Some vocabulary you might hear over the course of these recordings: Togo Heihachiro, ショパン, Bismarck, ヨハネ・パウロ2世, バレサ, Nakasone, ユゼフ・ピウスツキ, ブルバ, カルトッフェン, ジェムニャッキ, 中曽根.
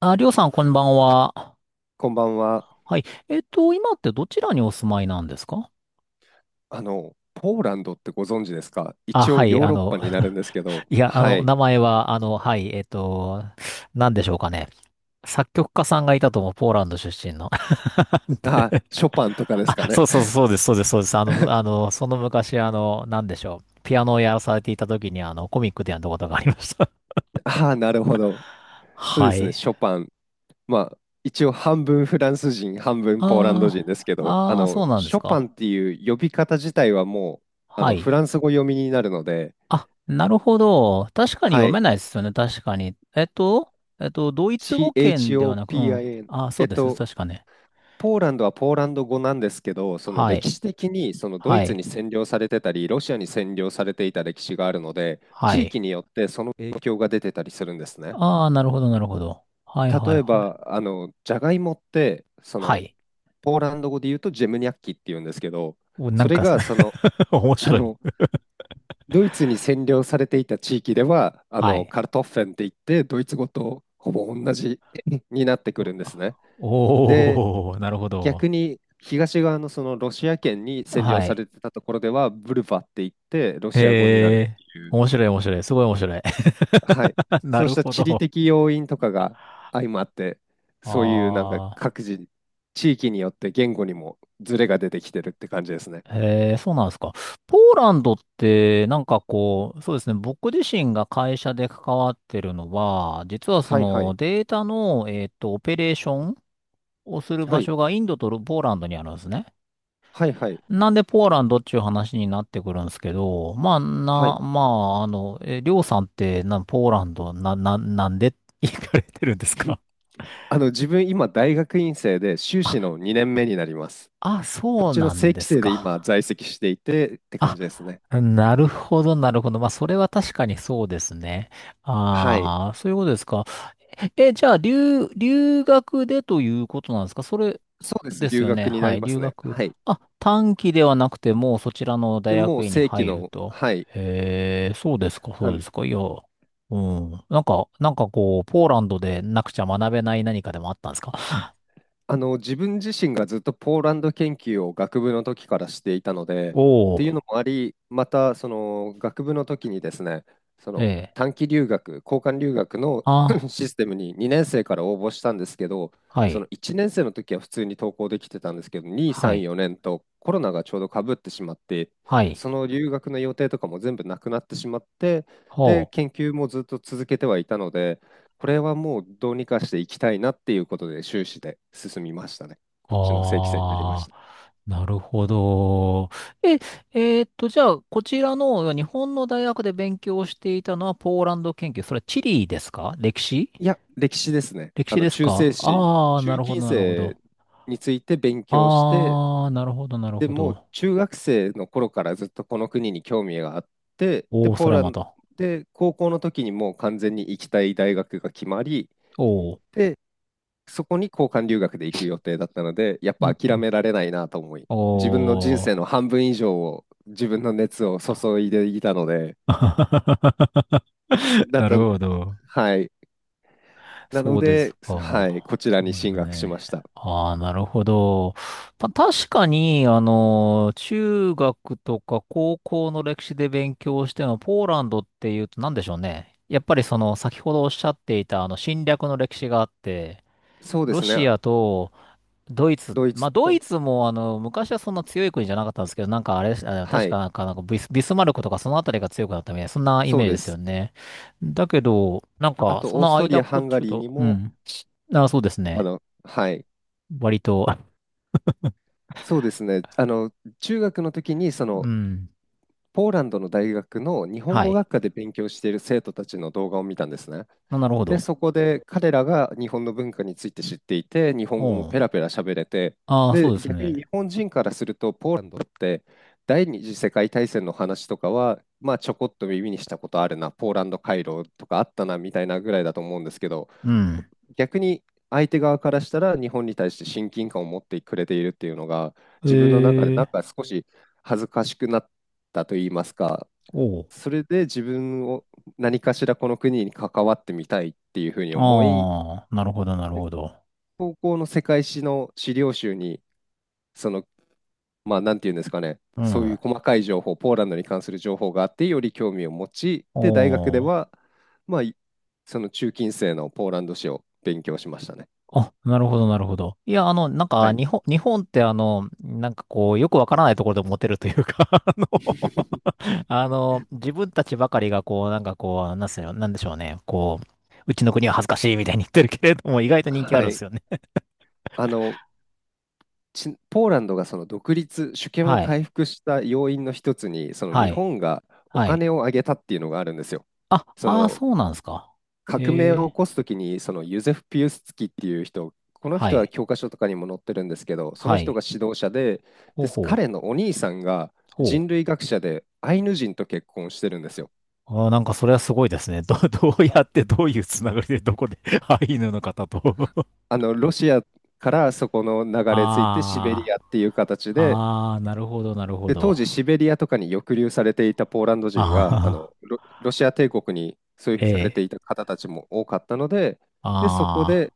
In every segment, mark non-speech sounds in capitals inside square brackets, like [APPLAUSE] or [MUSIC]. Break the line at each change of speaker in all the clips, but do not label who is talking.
あ、りょうさん、こんばんは。
こんばんは。
はい。今ってどちらにお住まいなんですか？
ポーランドってご存知ですか？
あ、
一
は
応
い、
ヨーロッパになるんですけ
[LAUGHS]
ど、
いや、
はい。
名前は、はい、なんでしょうかね。作曲家さんがいたと思う、ポーランド出身の。[LAUGHS]
あ、
で、
ショパンとかですか
あ、
ね。
そうそう、そうです、そうです、そうです。
[LAUGHS]
その昔、なんでしょう。ピアノをやらされていた時に、コミックでやったことがありました。
ああ、なるほど。
[LAUGHS]
そうで
は
すね、
い。
ショパン。まあ、一応半分フランス人、半分ポーランド
あ
人ですけ
あ、
ど、
ああ、そうなんで
シ
す
ョパン
か。
っていう呼び方自体はもう、
は
フ
い。
ランス語読みになるので、
あ、なるほど。確かに
は
読め
い。
ないですよね。確かに。えっと、ドイツ語圏ではなく、うん。
CHOPIN。
あ、そ
え
う
っ
ですね。
と、
確かね。
ポーランドはポーランド語なんですけど、その
は
歴
い。
史的にそのドイ
は
ツ
い。
に占領されてたり、ロシアに占領されていた歴史があるので、
は
地域
い。
によってその影響が出てたりするんですね。
ああ、なるほど、なるほど。はい、はい、
例え
はい。
ば、じゃがいもって、
はい。
ポーランド語で言うとジェムニャッキって言うんですけど、
お、な
そ
ん
れ
か、
が
[LAUGHS] 面
あ
白い。
の、ドイツに占領されていた地域では、
はい。
カルトッフェンって言って、ドイツ語とほぼ同じ [LAUGHS] になってくるんですね。で、
おー、なるほど。
逆に東側のそのロシア圏に占領
は
さ
い。
れてたところでは、ブルバって言って、ロシア語になる
へ
っ
え、
ていう、
面白い、面白い。すごい面白い。
はい、
[LAUGHS] な
そう
る
した
ほ
地理
ど。
的要因とかが相まって、そういうなんか
ああ。
各自、地域によって言語にもズレが出てきてるって感じですね。
へえ、そうなんですか。ポーランドって、なんかこう、そうですね、僕自身が会社で関わってるのは、実はそ
はいは
の
い。
データの、オペレーションをする
は
場
い。
所がインドとポーランドにあるんですね。
はいはい。
なんでポーランドっていう話になってくるんですけど、まあ、
はい。
な、まあ、あの、え、りょうさんってポーランド、なんで行かれてるんです
[LAUGHS]
か？
自分今大学院生で修
[LAUGHS]
士
あ、
の2年目になります。
あ、
こっ
そう
ちの
な
正
んで
規
す
生で今
か。
在籍していてって感
あ、
じですね。
なるほど、なるほど。まあ、それは確かにそうですね。
はい。
ああ、そういうことですか。え、じゃあ、留学でということなんですか、それ
そうです。
です
留
よね。
学にな
は
り
い、
ます
留
ね。
学。
はい。
あ、短期ではなくて、もうそちらの
で
大
もう
学院に
正規
入る
の、
と。
はい、
へえ、そうですか、
あ
そうで
の、
すか。いや、うん。なんかこう、ポーランドでなくちゃ学べない何かでもあったんですか？
自分自身がずっとポーランド研究を学部の時からしていたので、
お
っていう
お
のもあり、またその学部の時にですね、そ
ー、え
の
え、
短期留学、交換留学の [LAUGHS]
あ、
システムに2年生から応募したんですけど、
は
その
い、
1年生の時は普通に登校できてたんですけど、2、
は
3、
い、
4年とコロナがちょうどかぶってしまって、
はい、
その留学の予定とかも全部なくなってしまって、で、
ほ
研
う。
究もずっと続けてはいたので、これはもうどうにかしていきたいなっていうことで終始で進みましたね。こっちの正規生になりまし
あ
た。
あ、なるほど。え、えーっと、じゃあ、こちらの日本の大学で勉強していたのはポーランド研究。それは地理ですか、歴史？
いや、歴史ですね。
歴史です
中世
か、
史、
ああー、な
中
るほ
近
ど、なるほ
世
ど。
について勉強して、
ああ、なるほど、なる
で
ほ
もう
ど。
中学生の頃からずっとこの国に興味があって、
お
で、
お、そ
ポー
れは
ラ
ま
ンド
た。
で高校の時にもう完全に行きたい大学が決まり、
おお。
で、そこに交換留学で行く予定だったので、やっ
う
ぱ
んう
諦
ん。
められないなと思い、
お
自分の人生
お。
の半分以上を自分の熱を注いでいたので、
[LAUGHS]
だっ
なる
た、
ほど。
はい。なの
そうです
で、
か。
はい、こちら
そ
に
うです
進学しま
ね。
した。
ああ、なるほど。まあ、確かに、中学とか高校の歴史で勉強しても、ポーランドっていうと何でしょうね。やっぱりその、先ほどおっしゃっていた、侵略の歴史があって、
そうで
ロ
す
シ
ね、
アと、ドイツ、
ドイ
ま
ツ
あ、ドイ
と、
ツも、昔はそんな強い国じゃなかったんですけど、なんかあれ、あ、
は
確か
い、
なんか、ビスマルクとかそのあたりが強くなったみたいな、そんなイ
そ
メ
う
ージ
で
ですよ
す。
ね。だけど、なん
あ
か、そ
と、オース
の
ト
間
リア、
っこ
ハ
っ
ンガ
ちゅう
リーに
と、う
も、
ん。あ、そうですね。
はい、
割と、
そうですね、中学の時に、そ
う
の、
ん。
ポーランドの大学の日本
は
語
い。
学科で勉強している生徒たちの動画を見たんですね。
あ、なるほ
で、
ど。
そこで彼らが日本の文化について知っていて、日本語も
おう。
ペラペラ喋れて、
ああ、そう
で、
です
逆に
ね。
日本人からすると、ポーランドって第二次世界大戦の話とかは、まあ、ちょこっと耳にしたことあるな、ポーランド回廊とかあったなみたいなぐらいだと思うんですけど、
うん。
逆に相手側からしたら日本に対して親近感を持ってくれているっていうのが、
へ
自分の中でなん
え、
か少し恥ずかしくなったといいますか、
おう。
それで自分を何かしらこの国に関わってみたいっていうふうに思い、
ああ、なるほど、なるほど。
高校の世界史の資料集に、その、まあ、なんていうんですかね、
う
そうい
ん。
う細かい情報、ポーランドに関する情報があって、より興味を持ち、で、大学で
おう。
は、まあ、その中近世のポーランド史を勉強しましたね。
あ、なるほど、なるほど。いや、なん
は
か、
い。
日本って、なんかこう、よくわからないところでモテるというか、[LAUGHS]
[LAUGHS]
自分たちばかりが、こう、なんかこう、なんでしょうね、こう、うちの国は恥ずかしいみたいに言ってるけれども、意外と人気あ
は
るんです
い。
よね。
あの、ポーランドがその独立、主権
は
を
い、
回復した要因の一つに、その
は
日
い、
本がお
はい。
金を上げたっていうのがあるんですよ。
あ、
そ
ああ、
の
そうなんですか。
革
え
命を起
え、
こすときに、そのユゼフ・ピウスツキっていう人、この
は
人は
い、
教科書とかにも載ってるんですけど、その
は
人
い。
が指導者で、
ほうほう、
彼のお兄さんが
ほ
人
う。
類学者でアイヌ人と結婚してるんですよ。
あー、なんか、それはすごいですね。[LAUGHS] どう
あ
やって、どういうつながりで、どこで、[LAUGHS] アイヌの方と。
ロシアからそこの
[LAUGHS]
流れ着いてシベリ
ああ。
アっていう形で
ああ、なるほど、なるほ
で、当
ど。
時シベリアとかに抑留されていたポーランド人が、
ああ、
ロシア帝国にそういうふう
え
にされて
え。
いた方たちも多かったので、で、そこ
あ
で、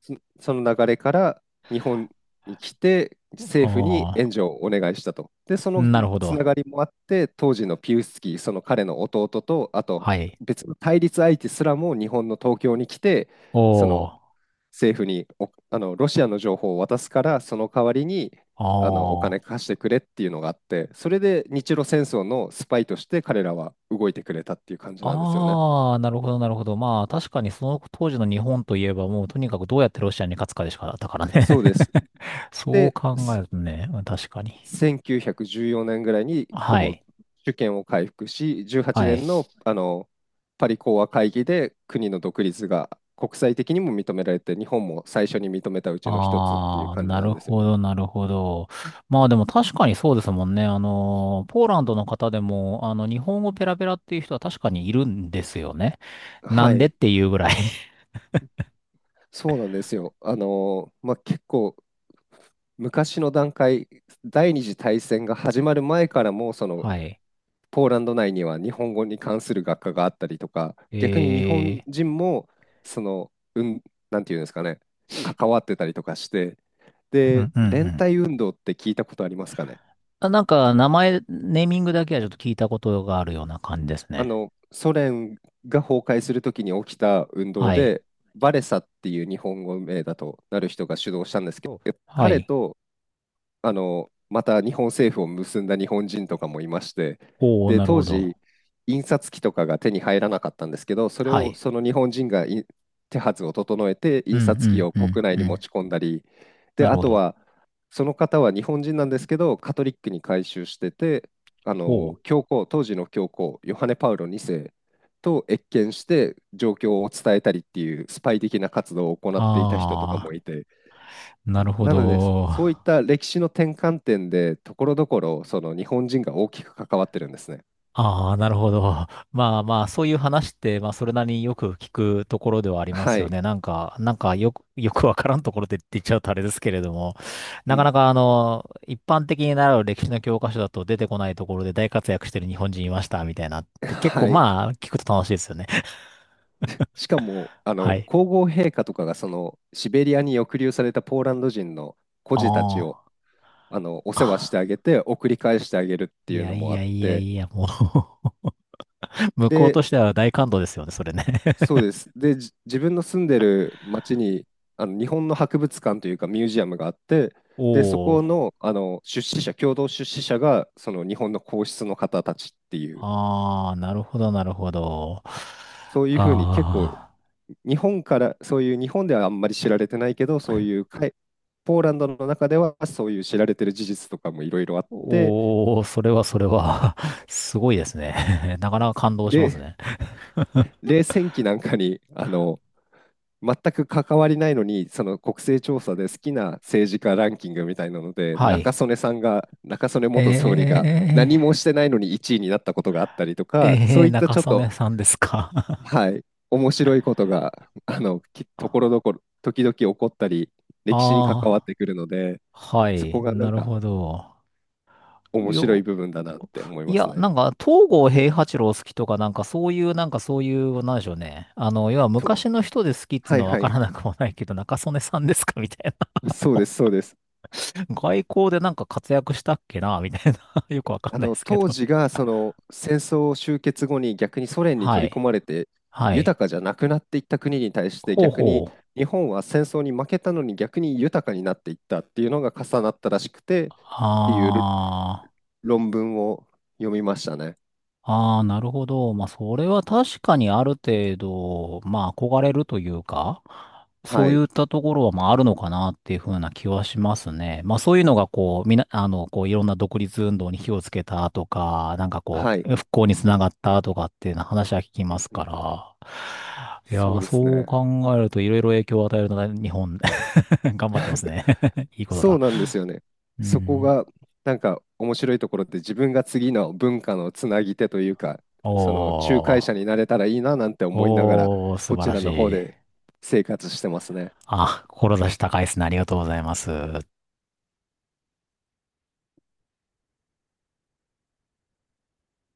そその流れから日本に来て、
あ、
政府に
あ
援助をお願いしたと。で、
あ、
その
なるほ
つな
ど。
がりもあって、当時のピウスキー、その彼の弟と、あと
はい。
別の対立相手すらも日本の東京に来て、そ
お
の
ー、
政府におあのロシアの情報を渡すからその代わりに
あ
お金
あ。
貸してくれっていうのがあってそれで日露戦争のスパイとして彼らは動いてくれたっていう感じなんですよね。
ああ、なるほど、なるほど。まあ、確かにその当時の日本といえば、もうとにかくどうやってロシアに勝つかでしかだったからね。
そうです
[LAUGHS] そう
で
考え
す
るとね、うん、確かに。
1914年ぐらいにほ
は
ぼ
い。
主権を回復し18
はい。
年の、パリ講和会議で国の独立が国際的にも認められて日本も最初に認めたうちの一つっていう
ああ、
感じ
な
なん
る
ですよ
ほ
ね。
ど、なるほど。まあでも確かにそうですもんね。ポーランドの方でも、日本語ペラペラっていう人は確かにいるんですよね。な
は
んでっ
い、
ていうぐらい。
そうなんですよ。まあ、結構昔の段階、第二次大戦が始まる前からも、そ
[LAUGHS]
の
はい。
ポーランド内には日本語に関する学科があったりとか、逆に日本
え
人もその、なんていうんですかね、関わってたりとかして、
ー、う
で、
んうんう
連
ん。
帯運動って聞いたことありますかね？
あ、なんか、名前、ネーミングだけはちょっと聞いたことがあるような感じですね。
ソ連が崩壊するときに起きた運動
はい。
で、バレサっていう日本語名だとなる人が主導したんですけど、
は
彼
い。
とまた日本政府を結んだ日本人とかもいまして、
おお、
で、
なる
当
ほ
時、
ど。
印刷機とかが手に入らなかったんですけど、それ
は
を
い。
その日本人が手はずを整えて、
う
印
んう
刷機
ん
を
う
国
ん
内
う
に持
ん。
ち込んだり、で、
なる
あ
ほ
と
ど。
は、その方は日本人なんですけど、カトリックに改宗してて、
おう。
教皇、当時の教皇、ヨハネ・パウロ2世と謁見して、状況を伝えたりっていうスパイ的な活動を行っていた人とかも
ああ、
いて、
なるほ
なので、そそういっ
ど。
た歴史の転換点で、ところどころ、その日本人が大きく関わってるんですね。
ああ、なるほど。[LAUGHS] まあまあ、そういう話って、まあ、それなりによく聞くところではあります
は
よ
い。
ね。なんか、よくわからんところでって言っちゃうとあれですけれども、
う
なか
ん。
なか、一般的に習う歴史の教科書だと出てこないところで大活躍してる日本人いました、みたいなっ
[LAUGHS]
て、結構
はい。
まあ、聞くと楽しいですよね。
しかも、
[LAUGHS] はい。
皇后陛下とかが、シベリアに抑留されたポーランド人の孤児たちを、
あ
お世話し
あ。
てあ
あ、
げて、送り返してあげるって
い
いう
や
の
い
もあ
や
っ
いや
て、
いや、もう [LAUGHS] 向こう
で、
としては大感動ですよね、それね。
そうです。で、自分の住んでる町にあの日本の博物館というかミュージアムがあって、
[LAUGHS]
で、そ
お
こ
お。
の、出資者、共同出資者がその日本の皇室の方たちっていう、
ああ、なるほど、なるほど。
そういうふうに結構、
ああ。
日本から、そういう日本ではあんまり知られてないけど、そういうポーランドの中ではそういう知られてる事実とかもいろいろあって、
おー、それはそれは [LAUGHS] すごいですね。 [LAUGHS] なかなか感動します
で、
ね。
冷戦期なんかに全く関わりないのに、その国勢調査で好きな政治家ランキングみたいなので、
はい。
中曽根元総理が何も
え
してないのに1位になったことがあったりとか、そ
え
う
ー、
いった
中
ちょっ
曽
と、
根さんですか？ [LAUGHS]
はい、面白いことが、ところどころ、時々起こったり、歴史に関わっ
ああ
てくるので、
ー、は
そ
い、
こがなん
なる
か
ほど。
面白い
よ、
部分だなって思い
い
ます
や、
ね。
なんか、東郷平八郎好きとか、なんかそういう、なんでしょうね。要は
と、
昔の人で好きっつう
はい
のはわ
は
か
い、
らなくもないけど、中曽根さんですかみたいな。
そうです、そうです。
[LAUGHS] 外交でなんか活躍したっけなみたいな。 [LAUGHS] よくわか
あ
んないで
の
すけ
当
ど。
時が
[LAUGHS]
その戦争終結後に逆にソ連に
は
取り込
い。
まれて
はい。
豊かじゃなくなっていった国に対して
ほう
逆
ほ
に
う。
日本は戦争に負けたのに逆に豊かになっていったっていうのが重なったらしくてっていう
あ
論文を読みましたね。
あ、ああ、なるほど。まあ、それは確かにある程度、まあ、憧れるというか、そ
は
うい
い。
ったところは、まあ、あるのかなっていうふうな気はしますね。まあ、そういうのが、こう、みな、あの、こう、いろんな独立運動に火をつけたとか、なんかこ
はい。
う、復興につながったとかっていうような話は聞き
う
ま
ん
す
う
か
ん
ら。いや
そ
ー、
うです
そう
ね。
考えると、いろいろ影響を与えるのが日本、[LAUGHS] 頑張ってます
[LAUGHS]
ね。[LAUGHS] いいこと
そ
だ。
うなんですよね。
う
そこ
ん。
がなんか面白いところって自分が次の文化のつなぎ手というか、その仲
お
介者
ー。
になれたらいいななんて思いながら、
おー、素
こ
晴
ち
ら
ら
し
の方
い。
で生活してますね。
あ、志高いですね。ありがとうございます。